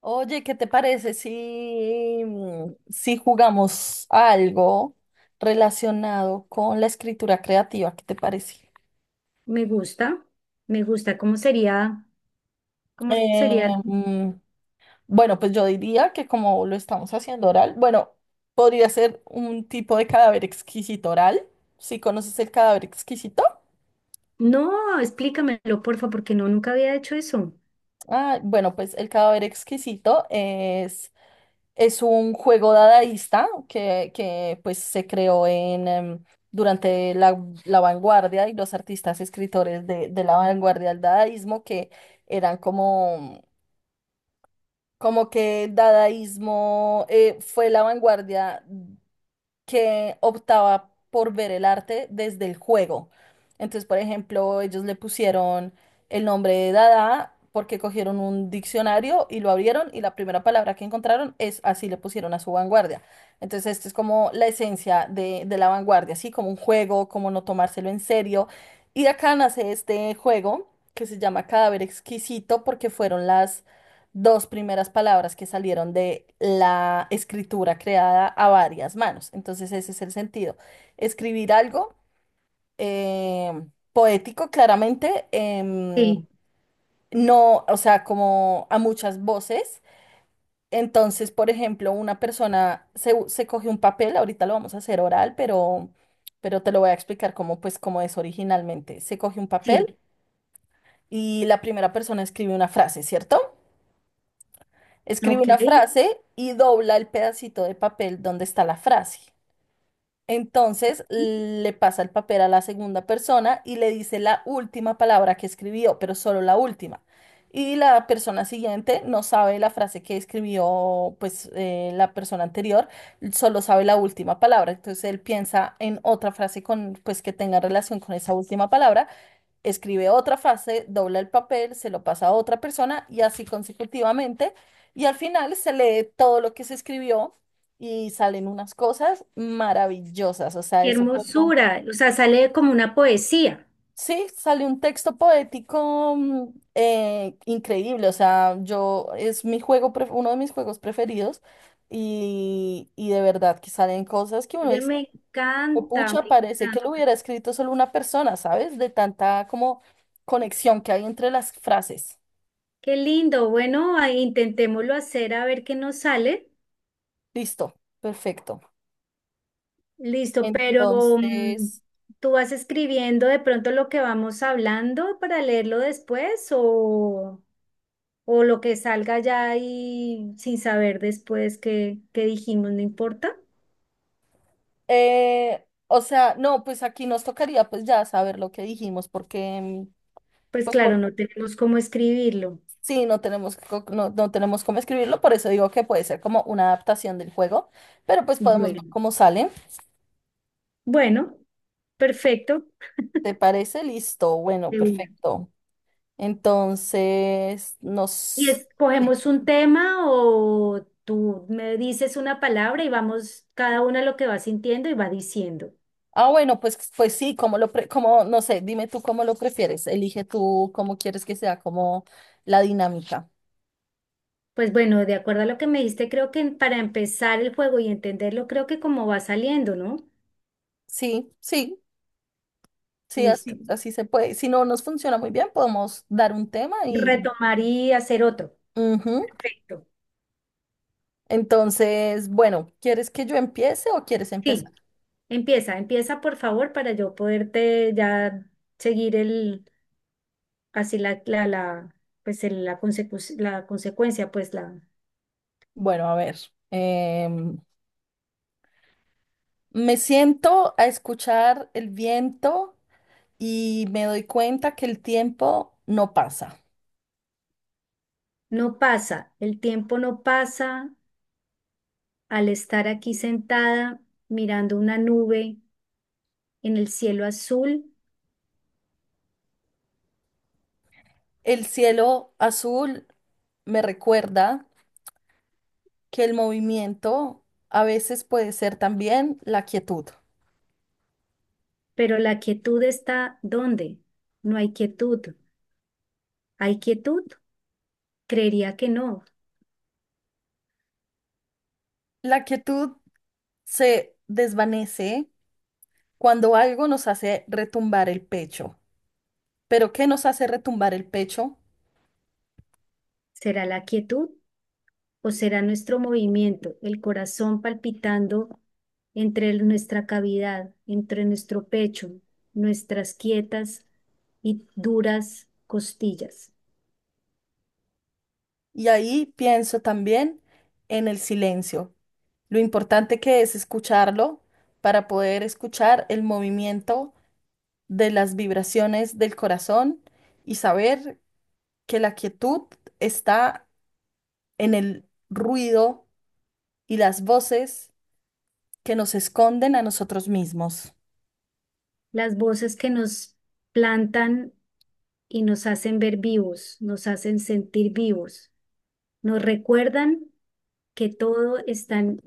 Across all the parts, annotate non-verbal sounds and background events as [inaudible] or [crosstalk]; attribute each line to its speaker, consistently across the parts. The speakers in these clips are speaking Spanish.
Speaker 1: Oye, ¿qué te parece si, si jugamos a algo relacionado con la escritura creativa? ¿Qué te parece?
Speaker 2: Me gusta, me gusta. ¿Cómo sería? ¿Cómo sería?
Speaker 1: Eh, mm, bueno, pues yo diría que como lo estamos haciendo oral, bueno, podría ser un tipo de cadáver exquisito oral. ¿Sí conoces el cadáver exquisito?
Speaker 2: No, explícamelo, porfa, porque no, nunca había hecho eso.
Speaker 1: Ah, bueno, pues el cadáver exquisito es un juego dadaísta que pues se creó en, durante la vanguardia y los artistas escritores de la vanguardia del dadaísmo que eran como como que dadaísmo fue la vanguardia que optaba por ver el arte desde el juego. Entonces, por ejemplo, ellos le pusieron el nombre de Dada porque cogieron un diccionario y lo abrieron y la primera palabra que encontraron es así le pusieron a su vanguardia. Entonces, esto es como la esencia de la vanguardia, así como un juego, como no tomárselo en serio. Y de acá nace este juego que se llama Cadáver Exquisito porque fueron las dos primeras palabras que salieron de la escritura creada a varias manos. Entonces ese es el sentido. Escribir algo eh, poético, claramente,
Speaker 2: Sí,
Speaker 1: no, o sea, como a muchas voces. Entonces, por ejemplo, una persona se coge un papel, ahorita lo vamos a hacer oral, pero te lo voy a explicar cómo, pues, cómo es originalmente. Se coge un
Speaker 2: sí,
Speaker 1: papel y la primera persona escribe una frase, ¿cierto? Escribe
Speaker 2: ok.
Speaker 1: una frase y dobla el pedacito de papel donde está la frase. Entonces le pasa el papel a la segunda persona y le dice la última palabra que escribió, pero solo la última. Y la persona siguiente no sabe la frase que escribió, pues la persona anterior, solo sabe la última palabra. Entonces él piensa en otra frase con, pues que tenga relación con esa última palabra, escribe otra frase, dobla el papel, se lo pasa a otra persona y así consecutivamente. Y al final se lee todo lo que se escribió y salen unas cosas maravillosas. O sea,
Speaker 2: Qué
Speaker 1: es un poco...
Speaker 2: hermosura. O sea, sale como una poesía.
Speaker 1: Sí, sale un texto poético increíble. O sea, yo es mi juego, uno de mis juegos preferidos y de verdad que salen cosas que uno
Speaker 2: Oye,
Speaker 1: dice,
Speaker 2: me
Speaker 1: "Oh,
Speaker 2: encanta, me
Speaker 1: pucha, parece que lo
Speaker 2: encanta.
Speaker 1: hubiera escrito solo una persona, ¿sabes? De tanta como conexión que hay entre las frases."
Speaker 2: Qué lindo. Bueno, ahí intentémoslo hacer a ver qué nos sale.
Speaker 1: Listo, perfecto.
Speaker 2: Listo, pero mm,
Speaker 1: Entonces,
Speaker 2: ¿tú vas escribiendo de pronto lo que vamos hablando para leerlo después o lo que salga ya y sin saber después qué, qué dijimos, no importa?
Speaker 1: o sea, no, pues aquí nos tocaría pues ya saber lo que dijimos, porque
Speaker 2: Pues
Speaker 1: pues
Speaker 2: claro,
Speaker 1: por
Speaker 2: no tenemos cómo escribirlo.
Speaker 1: sí, no tenemos no, no tenemos cómo escribirlo, por eso digo que puede ser como una adaptación del juego, pero pues podemos ver
Speaker 2: Bueno,
Speaker 1: cómo sale.
Speaker 2: bueno, perfecto.
Speaker 1: ¿Te parece? Listo, bueno,
Speaker 2: De una.
Speaker 1: perfecto. Entonces,
Speaker 2: ¿Y
Speaker 1: nos...
Speaker 2: escogemos un tema o tú me dices una palabra y vamos cada una lo que va sintiendo y va diciendo?
Speaker 1: Ah, bueno, pues, pues sí, como lo como, no sé, dime tú cómo lo prefieres. Elige tú cómo quieres que sea como la dinámica.
Speaker 2: Pues bueno, de acuerdo a lo que me diste, creo que para empezar el juego y entenderlo, creo que como va saliendo, ¿no?
Speaker 1: Sí, sí. Sí, así,
Speaker 2: Listo.
Speaker 1: así se puede. Si no nos funciona muy bien, podemos dar un tema y...
Speaker 2: Retomar y hacer otro.
Speaker 1: Ujú.
Speaker 2: Perfecto.
Speaker 1: Entonces, bueno, ¿quieres que yo empiece o quieres empezar?
Speaker 2: Sí, empieza, empieza por favor para yo poderte ya seguir el, así pues la consecuencia, pues la,
Speaker 1: Bueno, a ver. em, Me siento a escuchar el viento y me doy cuenta que el tiempo no pasa.
Speaker 2: no pasa, el tiempo no pasa al estar aquí sentada mirando una nube en el cielo azul.
Speaker 1: El cielo azul me recuerda que el movimiento a veces puede ser también la quietud.
Speaker 2: Pero la quietud está ¿dónde? No hay quietud. ¿Hay quietud? Creería que no.
Speaker 1: La quietud se desvanece cuando algo nos hace retumbar el pecho. Pero ¿qué nos hace retumbar el pecho?
Speaker 2: ¿Será la quietud o será nuestro movimiento, el corazón palpitando entre nuestra cavidad, entre nuestro pecho, nuestras quietas y duras costillas?
Speaker 1: Y ahí pienso también en el silencio, lo importante que es escucharlo para poder escuchar el movimiento de las vibraciones del corazón y saber que la quietud está en el ruido y las voces que nos esconden a nosotros mismos.
Speaker 2: Las voces que nos plantan y nos hacen ver vivos, nos hacen sentir vivos, nos recuerdan que todo está en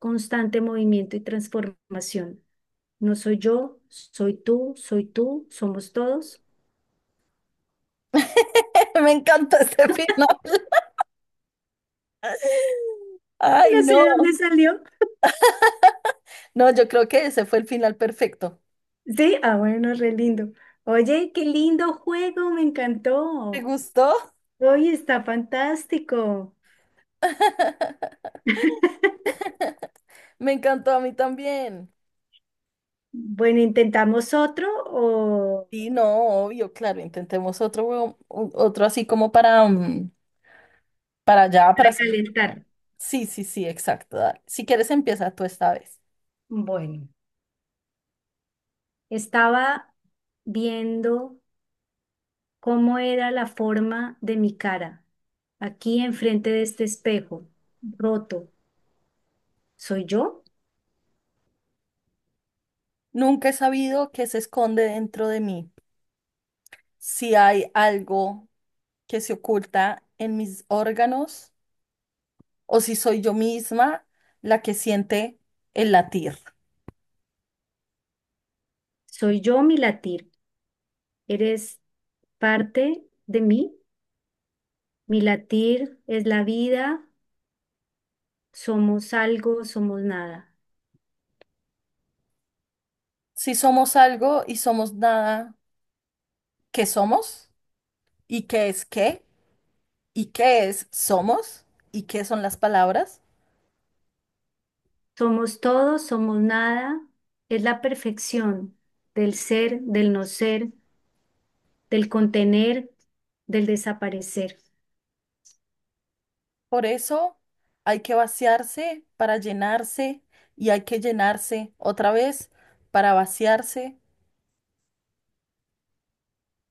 Speaker 2: constante movimiento y transformación. No soy yo, soy tú, somos todos.
Speaker 1: [laughs] Me encanta este [laughs] final. Ay,
Speaker 2: No sé de dónde
Speaker 1: no.
Speaker 2: salió.
Speaker 1: No, yo creo que ese fue el final perfecto.
Speaker 2: Sí, ah, bueno, re lindo. Oye, qué lindo juego, me
Speaker 1: ¿Te
Speaker 2: encantó.
Speaker 1: gustó?
Speaker 2: Oye, está fantástico.
Speaker 1: [laughs] Me encantó a mí también.
Speaker 2: Bueno, ¿intentamos otro o
Speaker 1: Sí, no, obvio, claro, intentemos otro, otro así como para, para allá, para... Oh,
Speaker 2: recalentar?
Speaker 1: sí, sí, sí, exacto. Dale. Si quieres, empieza tú esta vez.
Speaker 2: Bueno, estaba viendo cómo era la forma de mi cara, aquí enfrente de este espejo, roto. ¿Soy yo?
Speaker 1: Nunca he sabido qué se esconde dentro de mí, si hay algo que se oculta en mis órganos o si soy yo misma la que siente el latir.
Speaker 2: ¿Soy yo mi latir? ¿Eres parte de mí? Mi latir es la vida, somos algo, somos nada.
Speaker 1: Si somos algo y somos nada, ¿qué somos? ¿Y qué es qué? ¿Y qué es somos y qué son las palabras?
Speaker 2: Somos todo, somos nada, es la perfección del ser, del no ser, del contener, del desaparecer.
Speaker 1: Por eso hay que vaciarse para llenarse y hay que llenarse otra vez para vaciarse.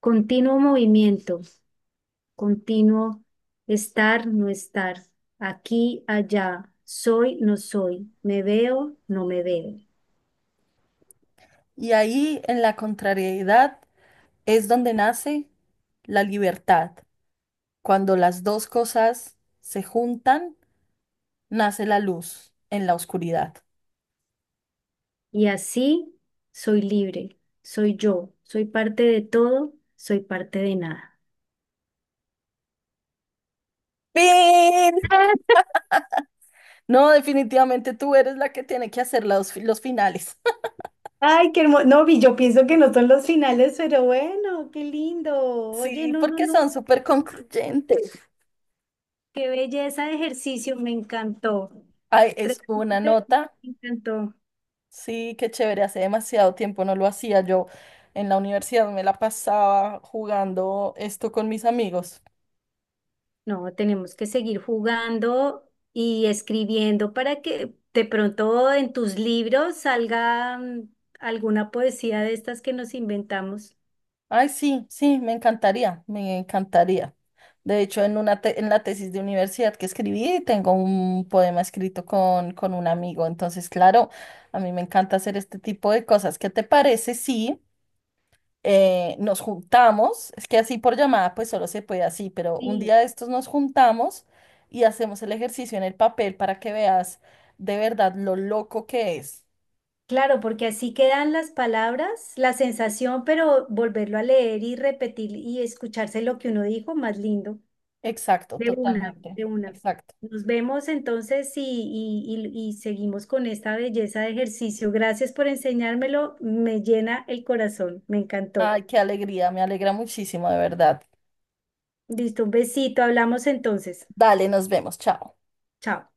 Speaker 2: Continuo movimiento, continuo, estar, no estar, aquí, allá, soy, no soy, me veo, no me veo.
Speaker 1: Y ahí en la contrariedad es donde nace la libertad. Cuando las dos cosas se juntan, nace la luz en la oscuridad.
Speaker 2: Y así soy libre, soy yo, soy parte de todo, soy parte de nada.
Speaker 1: ¡Pin!
Speaker 2: [laughs]
Speaker 1: No, definitivamente tú eres la que tiene que hacer los finales. [laughs]
Speaker 2: Ay, qué hermoso. No, vi, yo pienso que no son los finales, pero bueno, qué lindo. Oye,
Speaker 1: Sí,
Speaker 2: no, no,
Speaker 1: porque
Speaker 2: no,
Speaker 1: son súper concluyentes.
Speaker 2: qué belleza de ejercicio, me encantó.
Speaker 1: Ay, es una
Speaker 2: Realmente
Speaker 1: nota.
Speaker 2: me encantó.
Speaker 1: Sí, qué chévere. Hace demasiado tiempo no lo hacía. Yo en la universidad me la pasaba jugando esto con mis amigos.
Speaker 2: No, tenemos que seguir jugando y escribiendo para que de pronto en tus libros salga, alguna poesía de estas que nos inventamos.
Speaker 1: Ay, sí, sí, me encantaría, me encantaría. De hecho, en una en la tesis de universidad que escribí, tengo un poema escrito con un amigo. Entonces, claro, a mí me encanta hacer este tipo de cosas. ¿Qué te parece? Sí. Nos juntamos, es que así por llamada pues solo se puede así, pero un
Speaker 2: Sí,
Speaker 1: día de estos nos juntamos y hacemos el ejercicio en el papel para que veas de verdad lo loco que es.
Speaker 2: claro, porque así quedan las palabras, la sensación, pero volverlo a leer y repetir y escucharse lo que uno dijo, más lindo.
Speaker 1: Exacto,
Speaker 2: De una,
Speaker 1: totalmente.
Speaker 2: de una.
Speaker 1: Exacto.
Speaker 2: Nos vemos entonces y, y seguimos con esta belleza de ejercicio. Gracias por enseñármelo, me llena el corazón, me encantó.
Speaker 1: Ay, qué alegría, me alegra muchísimo, de verdad.
Speaker 2: Listo, un besito, hablamos entonces.
Speaker 1: Dale, nos vemos, chao.
Speaker 2: Chao.